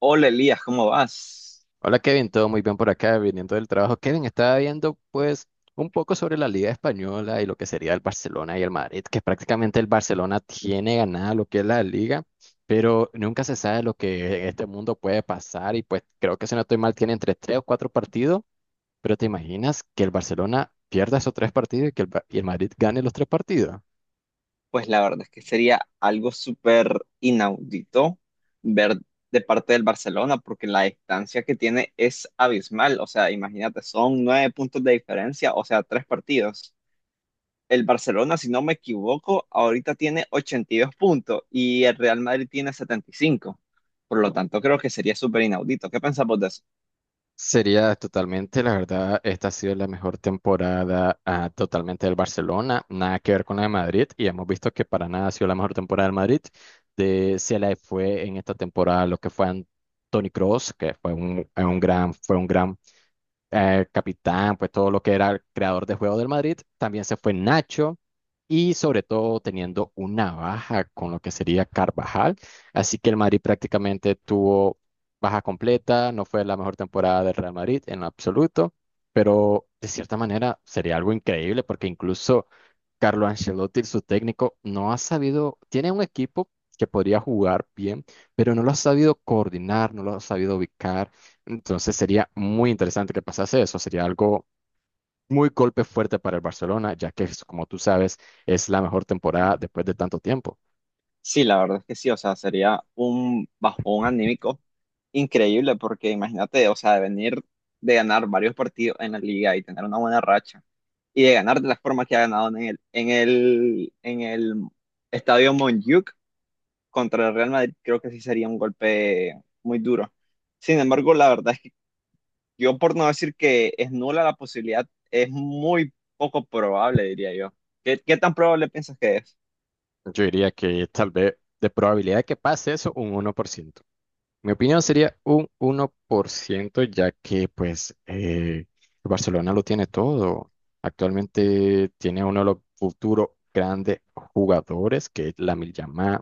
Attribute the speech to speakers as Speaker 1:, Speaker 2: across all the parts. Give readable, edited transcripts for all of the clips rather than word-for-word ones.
Speaker 1: Hola Elías, ¿cómo vas?
Speaker 2: Hola Kevin, todo muy bien por acá, viniendo del trabajo. Kevin, estaba viendo pues un poco sobre la Liga Española y lo que sería el Barcelona y el Madrid, que prácticamente el Barcelona tiene ganada lo que es la Liga, pero nunca se sabe lo que en este mundo puede pasar y pues creo que si no estoy mal tiene entre tres o cuatro partidos, pero ¿te imaginas que el Barcelona pierda esos tres partidos y que y el Madrid gane los tres partidos?
Speaker 1: Pues la verdad es que sería algo súper inaudito ver de parte del Barcelona, porque la distancia que tiene es abismal. O sea, imagínate, son nueve puntos de diferencia, o sea, tres partidos. El Barcelona, si no me equivoco, ahorita tiene 82 puntos y el Real Madrid tiene 75. Por lo tanto, creo que sería súper inaudito. ¿Qué pensamos de eso?
Speaker 2: Sería totalmente, la verdad, esta ha sido la mejor temporada totalmente del Barcelona, nada que ver con la de Madrid, y hemos visto que para nada ha sido la mejor temporada del Madrid. Se le fue en esta temporada lo que fue Tony Cross, que fue un gran capitán, pues todo lo que era el creador de juego del Madrid. También se fue Nacho y sobre todo teniendo una baja con lo que sería Carvajal, así que el Madrid prácticamente tuvo baja completa. No fue la mejor temporada del Real Madrid en absoluto, pero de cierta manera sería algo increíble porque incluso Carlo Ancelotti, su técnico, no ha sabido, tiene un equipo que podría jugar bien, pero no lo ha sabido coordinar, no lo ha sabido ubicar. Entonces sería muy interesante que pasase eso, sería algo muy golpe fuerte para el Barcelona, ya que, como tú sabes, es la mejor temporada después de tanto tiempo.
Speaker 1: Sí, la verdad es que sí, o sea, sería un bajón anímico increíble porque imagínate, o sea, de venir de ganar varios partidos en la liga y tener una buena racha y de ganar de la forma que ha ganado en el estadio Montjuic contra el Real Madrid, creo que sí sería un golpe muy duro. Sin embargo, la verdad es que yo por no decir que es nula la posibilidad, es muy poco probable, diría yo. ¿Qué tan probable piensas que es?
Speaker 2: Yo diría que tal vez de probabilidad de que pase eso, un 1%. Mi opinión sería un 1%, ya que pues el Barcelona lo tiene todo. Actualmente tiene uno de los futuros grandes jugadores, que es Lamine Yamal.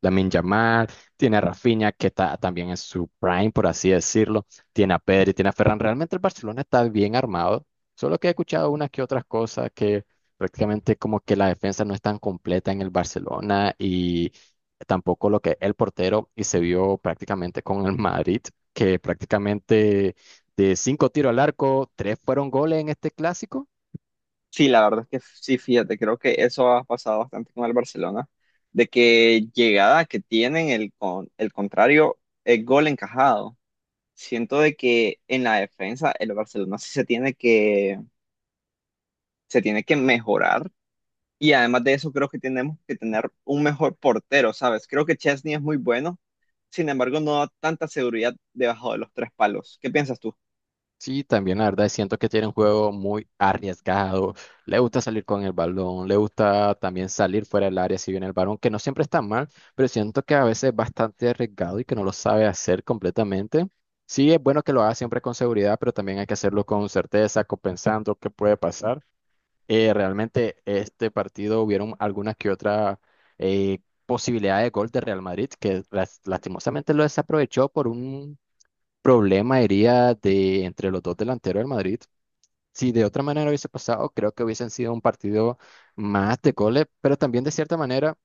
Speaker 2: Lamine Yamal, tiene a Rafinha, que está también en su prime, por así decirlo. Tiene a Pedri, tiene a Ferran. Realmente el Barcelona está bien armado, solo que he escuchado unas que otras cosas, que prácticamente como que la defensa no es tan completa en el Barcelona y tampoco lo que el portero, y se vio prácticamente con el Madrid, que prácticamente de cinco tiros al arco, tres fueron goles en este clásico.
Speaker 1: Sí, la verdad es que sí, fíjate, creo que eso ha pasado bastante con el Barcelona, de que llegada que tienen el contrario, el gol encajado. Siento de que en la defensa el Barcelona sí se tiene que mejorar y además de eso creo que tenemos que tener un mejor portero, ¿sabes? Creo que Chesney es muy bueno, sin embargo no da tanta seguridad debajo de los tres palos. ¿Qué piensas tú?
Speaker 2: Sí, también la verdad siento que tiene un juego muy arriesgado, le gusta salir con el balón, le gusta también salir fuera del área si viene el balón, que no siempre está mal, pero siento que a veces es bastante arriesgado y que no lo sabe hacer completamente. Sí, es bueno que lo haga siempre con seguridad, pero también hay que hacerlo con certeza, con pensando qué puede pasar. Realmente este partido hubieron algunas que otras eh, posibilidades de gol de Real Madrid que lastimosamente lo desaprovechó por un problema, diría, de entre los dos delanteros del Madrid. Si de otra manera hubiese pasado, creo que hubiesen sido un partido más de goles, pero también de cierta manera.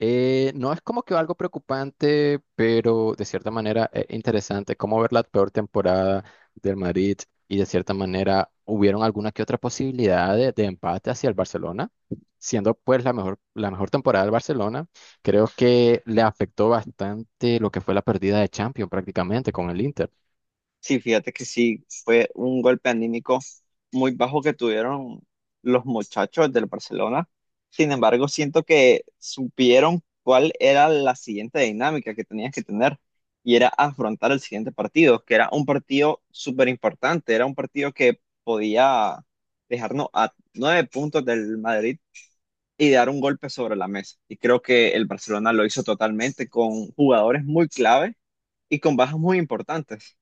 Speaker 2: No es como que algo preocupante, pero de cierta manera es interesante como ver la peor temporada del Madrid, y de cierta manera hubieron alguna que otra posibilidad de empate hacia el Barcelona, siendo pues la mejor temporada del Barcelona. Creo que le afectó bastante lo que fue la pérdida de Champions prácticamente con el Inter.
Speaker 1: Sí, fíjate que sí, fue un golpe anímico muy bajo que tuvieron los muchachos del Barcelona. Sin embargo, siento que supieron cuál era la siguiente dinámica que tenían que tener y era afrontar el siguiente partido, que era un partido súper importante, era un partido que podía dejarnos a 9 puntos del Madrid y dar un golpe sobre la mesa. Y creo que el Barcelona lo hizo totalmente con jugadores muy clave y con bajas muy importantes.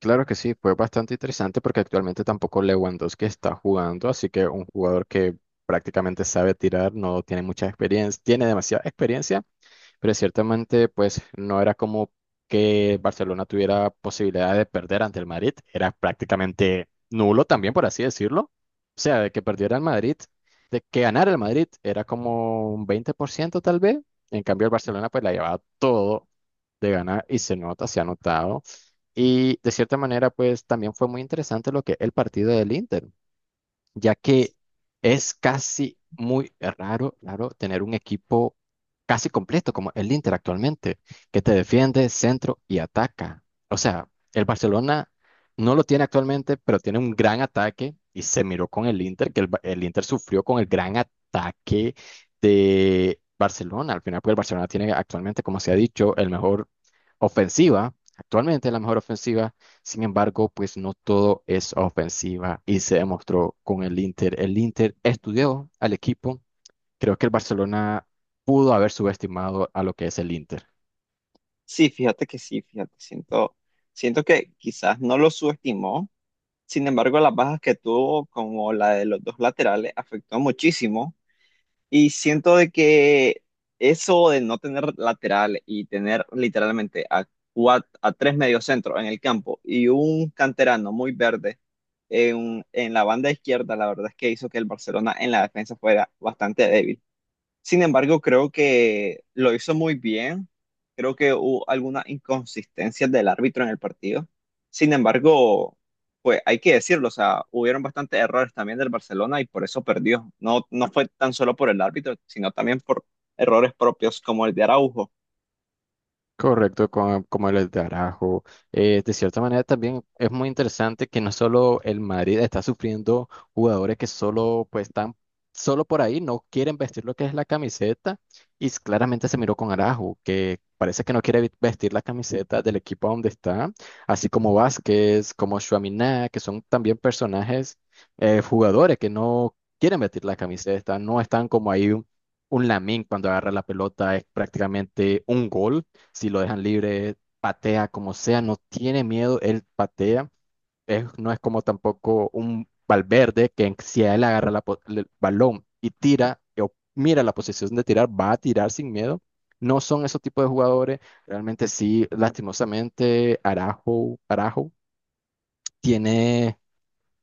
Speaker 2: Claro que sí, fue bastante interesante porque actualmente tampoco Lewandowski está jugando, así que un jugador que prácticamente sabe tirar, no tiene mucha experiencia, tiene demasiada experiencia, pero ciertamente pues no era como que Barcelona tuviera posibilidad de perder ante el Madrid, era prácticamente nulo también, por así decirlo. O sea, de que perdiera el Madrid, de que ganara el Madrid era como un 20% tal vez, en cambio el Barcelona pues la llevaba todo de ganar, y se nota, se ha notado. Y de cierta manera, pues también fue muy interesante lo que el partido del Inter, ya que es casi muy raro, raro tener un equipo casi completo como el Inter actualmente, que te defiende, centro y ataca. O sea, el Barcelona no lo tiene actualmente, pero tiene un gran ataque y se miró con el Inter, que el Inter sufrió con el gran ataque de Barcelona. Al final, pues el Barcelona tiene actualmente, como se ha dicho, el mejor ofensiva, actualmente la mejor ofensiva. Sin embargo, pues no todo es ofensiva y se demostró con el Inter. El Inter estudió al equipo. Creo que el Barcelona pudo haber subestimado a lo que es el Inter.
Speaker 1: Sí, fíjate que sí, fíjate, siento que quizás no lo subestimó, sin embargo las bajas que tuvo como la de los dos laterales afectó muchísimo y siento de que eso de no tener lateral y tener literalmente a, a tres mediocentros en el campo y un canterano muy verde en la banda izquierda, la verdad es que hizo que el Barcelona en la defensa fuera bastante débil. Sin embargo, creo que lo hizo muy bien. Creo que hubo algunas inconsistencias del árbitro en el partido. Sin embargo, pues hay que decirlo, o sea, hubieron bastantes errores también del Barcelona y por eso perdió. No, no fue tan solo por el árbitro, sino también por errores propios como el de Araujo.
Speaker 2: Correcto, como el de Araujo. De cierta manera también es muy interesante que no solo el Madrid está sufriendo jugadores que solo pues están solo por ahí, no quieren vestir lo que es la camiseta, y claramente se miró con arajo, que parece que no quiere vestir la camiseta del equipo donde está, así como Vázquez, como Tchouaméni, que son también personajes, jugadores que no quieren vestir la camiseta, no están como ahí un Lamine, cuando agarra la pelota es prácticamente un gol si lo dejan libre, patea como sea, no tiene miedo, él patea. No es como tampoco un Valverde, que si a él agarra el balón y tira o mira la posición de tirar, va a tirar sin miedo. No son esos tipos de jugadores. Realmente sí, lastimosamente, Arajo tiene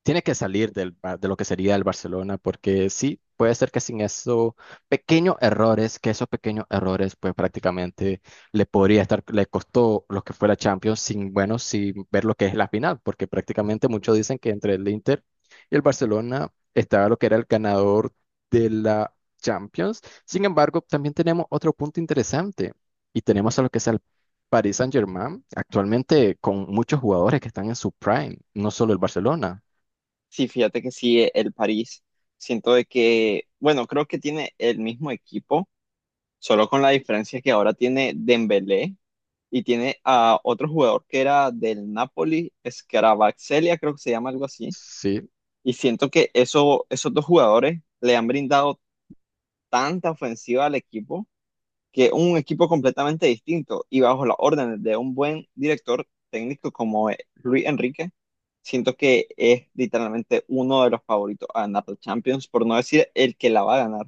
Speaker 2: tiene que salir de lo que sería el Barcelona, porque sí, puede ser que sin esos pequeños errores, que esos pequeños errores, pues prácticamente le podría estar, le costó lo que fue la Champions, sin, bueno, sin ver lo que es la final, porque prácticamente muchos dicen que entre el Inter y el Barcelona estaba lo que era el ganador de la Champions. Sin embargo, también tenemos otro punto interesante, y tenemos a lo que es el Paris Saint-Germain, actualmente con muchos jugadores que están en su prime, no solo el Barcelona.
Speaker 1: Sí, fíjate que sí, el París. Siento de que, bueno, creo que tiene el mismo equipo, solo con la diferencia que ahora tiene Dembélé y tiene a otro jugador que era del Napoli, Scarabazzelia, creo que se llama algo así.
Speaker 2: Sí,
Speaker 1: Y siento que eso, esos dos jugadores le han brindado tanta ofensiva al equipo que es un equipo completamente distinto y bajo las órdenes de un buen director técnico como es Luis Enrique, siento que es literalmente uno de los favoritos a ganar la Champions, por no decir el que la va a ganar.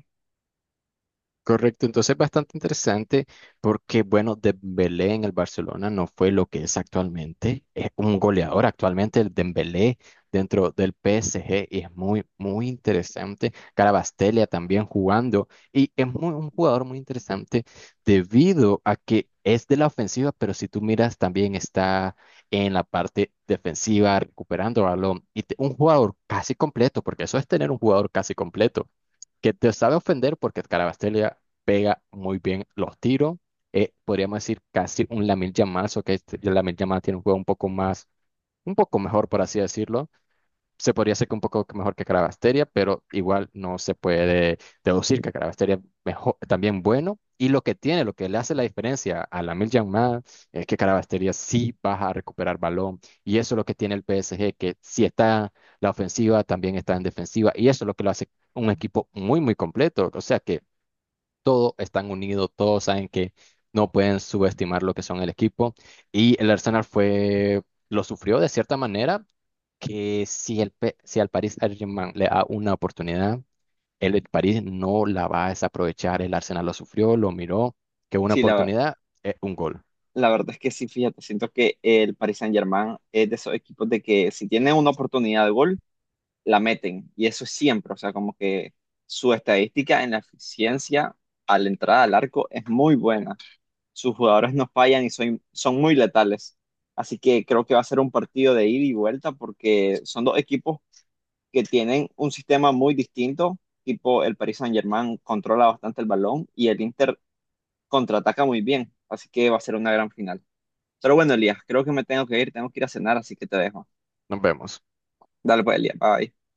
Speaker 2: correcto. Entonces, bastante interesante, porque, bueno, Dembélé en el Barcelona no fue lo que es actualmente. Es un goleador actualmente, el Dembélé dentro del PSG, y es muy, muy interesante. Carabastelia también jugando, y es muy, un jugador muy interesante debido a que es de la ofensiva, pero si tú miras también está en la parte defensiva recuperando balón y un jugador casi completo, porque eso es tener un jugador casi completo, que te sabe ofender, porque Carabastella pega muy bien los tiros. Podríamos decir casi un Lamil Yamal, o que Lamil Yamal tiene un juego un poco más, un poco mejor, por así decirlo, se podría hacer un poco mejor que Cravasteria, pero igual no se puede deducir que Cravasteria es mejor, también bueno. Y lo que tiene, lo que le hace la diferencia a la Miljan Man, es que Cravasteria sí va a recuperar balón. Y eso es lo que tiene el PSG, que si está la ofensiva, también está en defensiva. Y eso es lo que lo hace un equipo muy, muy completo. O sea que todos están unidos, todos saben que no pueden subestimar lo que son el equipo. Y el Arsenal fue, lo sufrió de cierta manera, que si, si al Paris Saint-Germain le da una oportunidad, el de París no la va a desaprovechar. El Arsenal lo sufrió, lo miró, que una
Speaker 1: Sí,
Speaker 2: oportunidad es un gol.
Speaker 1: la verdad es que sí, fíjate, siento que el Paris Saint-Germain es de esos equipos de que si tiene una oportunidad de gol, la meten. Y eso es siempre, o sea, como que su estadística en la eficiencia a la entrada al arco es muy buena. Sus jugadores no fallan y son muy letales. Así que creo que va a ser un partido de ida y vuelta porque son dos equipos que tienen un sistema muy distinto, tipo el Paris Saint-Germain controla bastante el balón y el Inter contraataca muy bien, así que va a ser una gran final. Pero bueno, Elías, creo que me tengo que ir a cenar, así que te dejo.
Speaker 2: Nos vemos.
Speaker 1: Dale pues, Elías, bye.